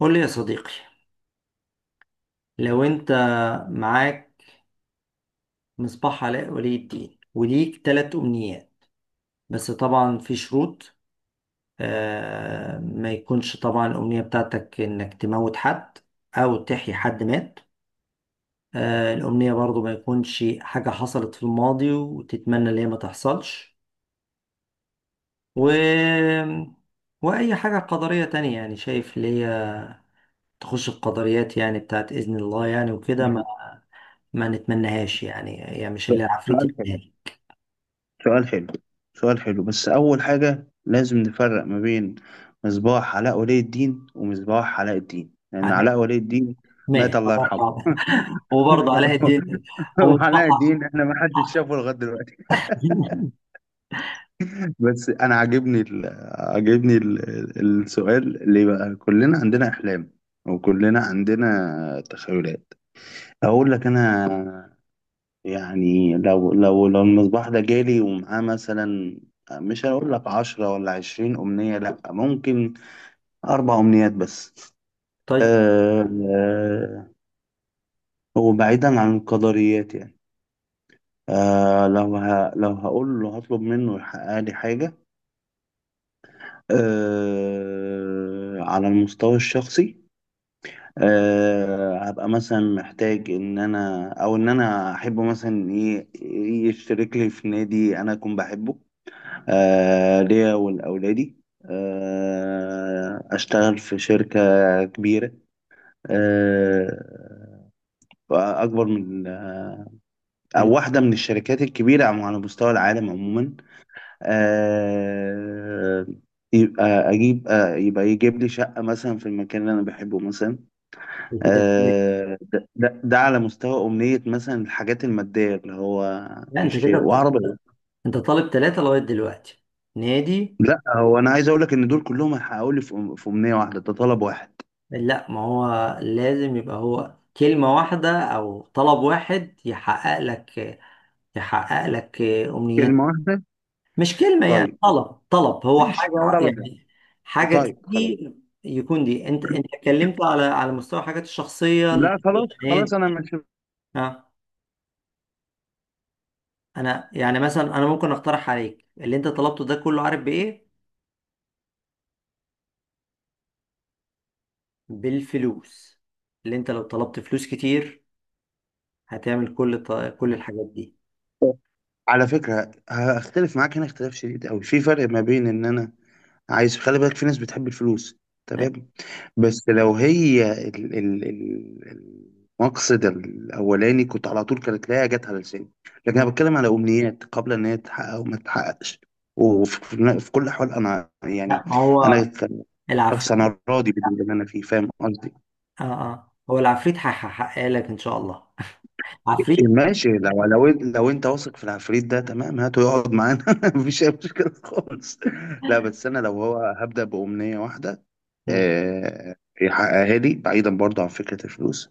قول لي يا صديقي، لو انت معاك مصباح علاء ولي الدين وليك ثلاث امنيات. بس طبعا في شروط. ما يكونش طبعا الامنية بتاعتك انك تموت حد او تحيي حد مات. الامنية برضو ما يكونش حاجة حصلت في الماضي وتتمنى ان هي ما تحصلش. و... واي حاجة قدرية تانية، يعني شايف اللي هي تخش القدريات، يعني بتاعت اذن الله يعني وكده، ماشي. ما نتمناهاش، يعني هي مش اللي عفريت سؤال حلو، يعني. سؤال حلو، سؤال حلو، بس أول حاجة لازم نفرق ما بين مصباح علاء ولي الدين ومصباح علاء الدين، لأن علاء علاء ولي الدين ماهر مات الله يرحمه. الله يرحمه. وبرضه علاء الدين وعلاء ومصطفى. الدين احنا ما حدش شافه لغاية دلوقتي. بس أنا عاجبني السؤال. ليه بقى كلنا عندنا أحلام وكلنا عندنا تخيلات؟ أقول لك أنا، يعني لو المصباح ده جالي ومعاه مثلا، مش هقول لك 10 ولا 20 أمنية، لأ ممكن أربع أمنيات بس. طيب. أه آه، وبعيدا عن القدريات يعني، أه لو ه لو هقول له هطلب منه يحقق لي حاجة، على المستوى الشخصي، هبقى مثلا محتاج إن أنا، أو إن أنا أحبه مثلا يشترك لي في نادي أنا أكون بحبه، آه ليا ولأولادي. أشتغل في شركة كبيرة، آه أكبر من آه، أو من- واحدة من الشركات الكبيرة على مستوى العالم عموما. آه يبقى أجيب، يبقى يجيب لي شقة مثلا في المكان اللي أنا بحبه مثلا. من كده اتنين. ده على مستوى أمنية، مثلا الحاجات المادية اللي هو لا انت يشتري كده، وعربية. انت طالب ثلاثة لغاية دلوقتي. نادي؟ لا، هو أنا عايز أقول لك إن دول كلهم هيحققوا لي في أمنية واحدة، ده طلب واحد، لا، ما هو لازم يبقى هو كلمة واحدة أو طلب واحد يحقق لك، يحقق لك أمنيات. كلمة واحدة. مش كلمة، يعني طيب طلب. ماشي طلب، يعني يعني حاجة طيب خلاص. تيجي يكون. دي انت، اتكلمت على مستوى حاجات الشخصية، لا خلاص خلاص أنا النادي. مش... اه، انا يعني مثلا، انا ممكن اقترح عليك اللي انت طلبته ده كله، عارف بايه؟ بالفلوس. اللي انت لو طلبت فلوس كتير هتعمل كل الحاجات دي. على فكرة هختلف معاك هنا اختلاف شديد أوي، في فرق ما بين إن أنا عايز، خلي بالك في ناس بتحب الفلوس، طيب. تمام. بس لو هي المقصد الأولاني كنت على طول كانت تلاقيها جت على لساني، لكن أنا بتكلم على أمنيات قبل إن هي تتحقق وما تتحققش، وفي كل الأحوال أنا لا، يعني، ما هو أنا كشخص العفريت، أنا راضي باللي أنا فيه، فاهم قصدي. اه اه، هو العفريت هيحقق لك ان شاء الله. إيه عفريت. ماشي، لو لو انت واثق في العفريت ده تمام، هاته يقعد معانا. مفيش اي مشكله خالص. لا بس انا لو هو هبدا بامنيه واحده، مم. آه، يحققها لي بعيدا برضه عن فكره الفلوس.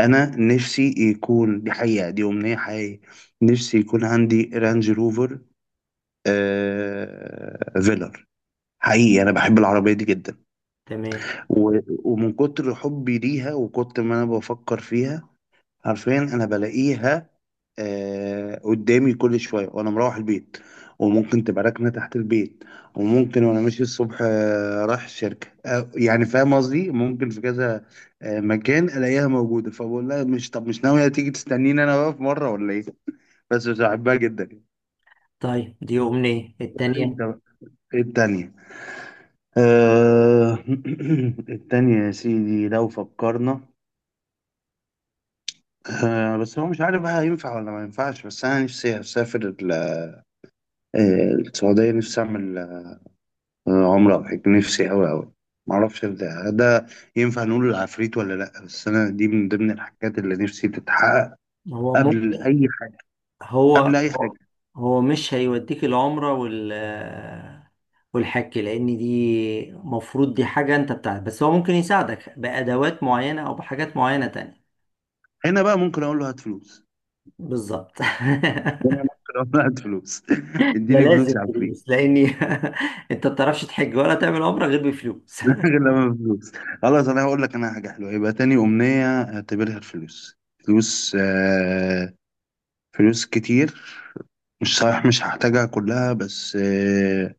انا نفسي يكون دي حقيقه، دي امنيه حقيقيه. نفسي يكون عندي رانج روفر، آه، فيلر. حقيقي انا بحب العربيه دي جدا. تمام، و- ومن كتر حبي ليها وكتر ما انا بفكر فيها، عارفين انا بلاقيها آه قدامي كل شوية وأنا مروح البيت، وممكن تبقى راكنة تحت البيت، وممكن وأنا ماشي الصبح رايح الشركة، آه يعني فاهم قصدي، ممكن في كذا آه مكان ألاقيها موجودة. فبقول لها، مش طب مش ناوية تيجي تستنيني أنا بقى في مرة ولا إيه؟ بس بحبها جدا. قول طيب دي أمنية لي أنت التانية. بقى إيه التانية. آه التانية يا سيدي، لو فكرنا، آه بس هو مش عارف بقى هينفع ولا ما ينفعش، بس أنا نفسي أسافر السعودية، نفسي أعمل عمرو أبو حكيم، نفسي أوي أوي. معرفش ده ده ينفع نقول العفريت ولا لأ، بس أنا دي من ضمن الحاجات اللي نفسي تتحقق هو قبل ممكن، أي حاجة، هو قبل أي هو حاجة. هو مش هيوديك العمرة والحك، لان دي مفروض دي حاجة انت بتاعت. بس هو ممكن يساعدك بأدوات معينة او بحاجات معينة تانية. هنا بقى ممكن أقول له هات فلوس. بالظبط. هنا ممكن أقول له هات فلوس. ده اديني لازم فلوس يا عفريت. فلوس لاني، انت ما بتعرفش تحج ولا تعمل عمرة غير بفلوس. غير لما فلوس. خلاص أنا هقول لك أنا حاجة حلوة، يبقى تاني أمنية أعتبرها الفلوس. فلوس، فلوس كتير، مش صحيح مش هحتاجها كلها، بس آه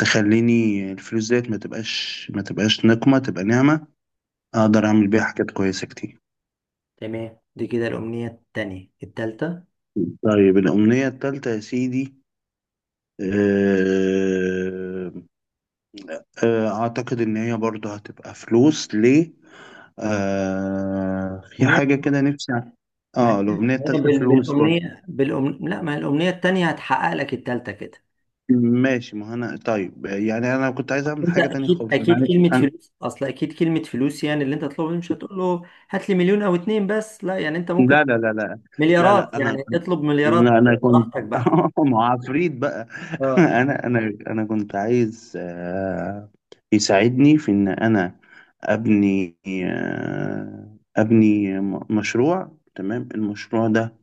تخليني الفلوس ديت ما تبقاش، ما تبقاش نقمة، تبقى نعمة. اقدر اعمل بيها حاجات كويسه كتير. تمام، دي كده الأمنية التانية. التالتة؟ طيب الامنيه التالتة يا سيدي، آه، آه، اعتقد ان هي برضه هتبقى فلوس. ليه؟ آه، ما في هي، حاجه كده نفسي ما اه هي الامنيه ما هي التالتة فلوس برضه. بالأمنية لا ما هي الأمنية التانية هتحقق لك التالتة كده. ماشي ما انا طيب، يعني انا كنت عايز اعمل أنت حاجه تانية أكيد خالص، انا أكيد عايز كلمة أنا... فلوس، أصل أكيد كلمة فلوس، يعني اللي أنت تطلبه مش هتقول له هات لي مليون أو اتنين، بس لا يعني أنت ممكن لا لا لا لا. لا لا مليارات، انا، يعني اطلب مليارات. انا كنت براحتك بقى. مع عفريت بقى. اه، انا كنت عايز آه، يساعدني في ان انا ابني، آه، ابني مشروع. تمام المشروع ده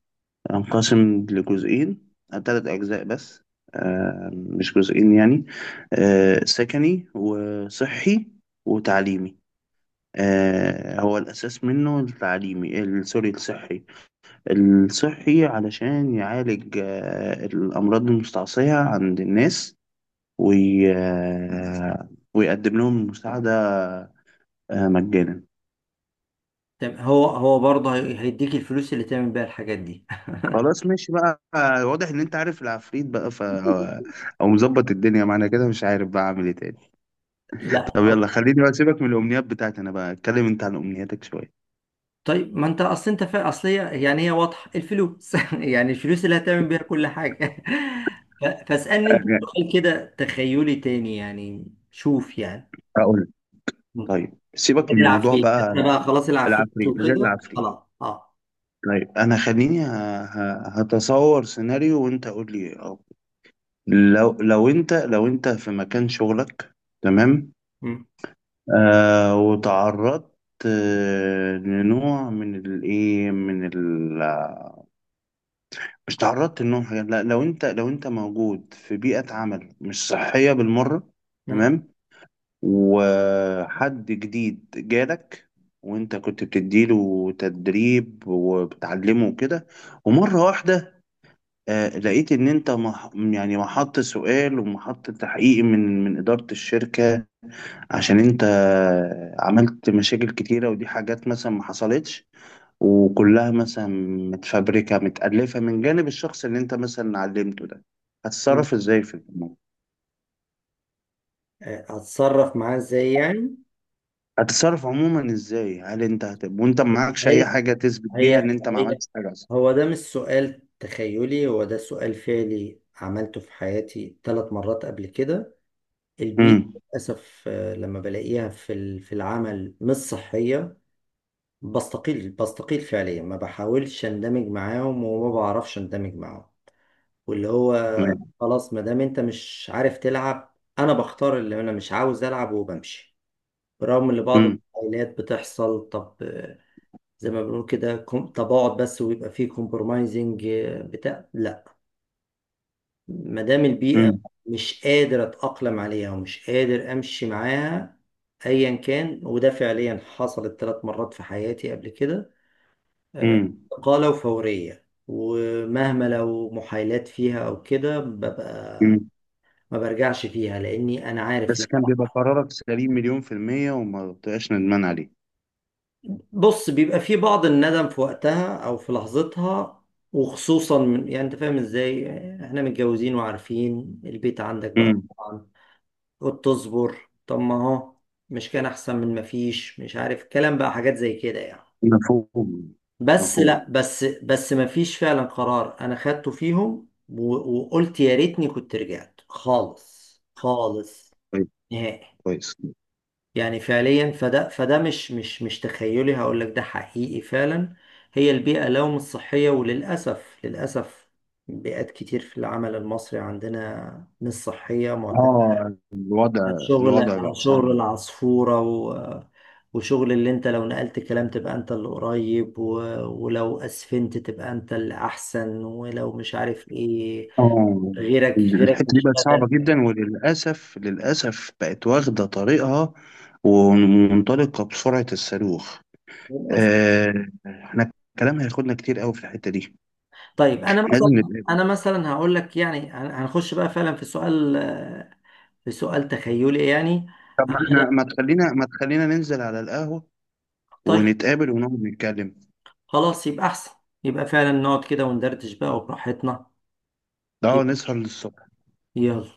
انقسم لجزئين، ثلاث اجزاء بس، آه، مش جزئين يعني. آه، سكني وصحي وتعليمي. آه، هو الاساس منه التعليمي ال- سوري الصحي. الصحي علشان يعالج آه، الأمراض المستعصية عند الناس، وي... آه، ويقدم لهم مساعدة آه، مجانا. هو برضه هيديك الفلوس اللي تعمل بيها الحاجات دي. خلاص ماشي بقى، آه، واضح إن أنت عارف العفريت بقى أو أو مظبط الدنيا معانا كده، مش عارف بقى أعمل إيه تاني. لا. طب يلا خليني بقى سيبك من الأمنيات بتاعتي أنا، بقى اتكلم أنت عن أمنياتك شوية. طيب ما انت اصل، انت فا اصل هي يعني هي واضحه، الفلوس. يعني الفلوس اللي هتعمل بيها كل حاجه. فاسالني انت أه، سؤال كده تخيلي تاني يعني. شوف يعني. أقول لك. مم. طيب سيبك غير من موضوع العفريت، احنا بقى بقى خلاص العفريت العفريت، غير وكده العفريت. خلاص. اه. طيب أنا خليني هتصور سيناريو وأنت قول لي. لو لو انت في مكان شغلك، تمام، مم. آه وتعرضت آه لنوع من الايه، من ال... مش تعرضت لنوع من حاجة، لا لو انت موجود في بيئة عمل مش صحية بالمرة، مم. تمام. وحد جديد جالك وانت كنت بتديله تدريب وبتعلمه وكده، ومرة واحدة آه لقيت ان انت يعني محط سؤال ومحط تحقيق من إدارة الشركة، عشان انت عملت مشاكل كتيرة ودي حاجات مثلا ما حصلتش، وكلها مثلا متفبركة متألفة من جانب الشخص اللي انت مثلا علمته ده. هتتصرف ازاي في الموضوع؟ آه، هتصرف معاه ازاي يعني؟ هتتصرف عموما ازاي؟ هل انت وانت ما معكش هي اي حاجة تثبت هي بيها ان انت ما هي عملتش حاجة اصلا؟ هو ده مش سؤال تخيلي، هو ده سؤال فعلي عملته في حياتي ثلاث مرات قبل كده. البيئة، امم. للأسف آه، لما بلاقيها في العمل مش صحية، بستقيل فعليا. ما بحاولش اندمج معاهم وما بعرفش اندمج معاهم، واللي هو تمام. خلاص ما دام انت مش عارف تلعب، انا بختار اللي انا مش عاوز العب وبمشي. برغم ان بعض امم. المقاولات بتحصل، طب آه، زي ما بنقول كده تباعد، بس ويبقى فيه كومبرومايزنج بتاع. لا، ما دام البيئة امم. مش قادر أتأقلم عليها ومش قادر أمشي معاها أيا كان. وده فعليا حصلت ثلاث مرات في حياتي قبل كده. آه، امم. إقالة وفورية، ومهما لو محايلات فيها أو كده ببقى امم. ما برجعش فيها، لأني أنا عارف. بس لا، كان بيبقى قرارك سليم مليون في المية، وما بتبقاش ندمان عليه. بص، بيبقى في بعض الندم في وقتها أو في لحظتها، وخصوصا من، يعني أنت فاهم إزاي، إحنا متجوزين وعارفين البيت عندك بقى امم. طبعاً. قلت تصبر، طب ما هو مش كان احسن من ما فيش، مش عارف الكلام بقى حاجات زي كده يعني. مفهوم. بس مفهوم. لا، بس ما فيش فعلا قرار انا خدته فيهم وقلت يا ريتني كنت رجعت. خالص خالص، طيب نهائي. كويس. يعني فعليا، فده مش تخيلي، هقول لك ده حقيقي فعلا. هي البيئة لو مش صحية، وللأسف للأسف بيئات كتير في العمل المصري عندنا مش صحية معتمدة. اه الوضع، شغل الوضع على بقى صعب. شغل العصفورة وشغل اللي انت لو نقلت كلام تبقى انت اللي قريب، ولو اسفنت تبقى انت اللي احسن، ولو مش عارف ايه، اه غيرك الحتة دي مش بقت قادر. صعبة جدا، وللأسف للأسف بقت واخدة طريقها ومنطلقة بسرعة الصاروخ. آه احنا الكلام هياخدنا كتير قوي في الحتة دي. طيب انا احنا لازم مثلا، نتقابل. هقول لك يعني، هنخش بقى فعلا في سؤال، في سؤال تخيلي يعني. طب أنا ما احنا، لا- ما تخلينا ما تخلينا ننزل على القهوة، طيب، ونتقابل ونقعد نتكلم. خلاص، يبقى احسن. يبقى فعلا نقعد كده وندردش بقى وبراحتنا. ده يبقى، نسهر للصبح. يلا.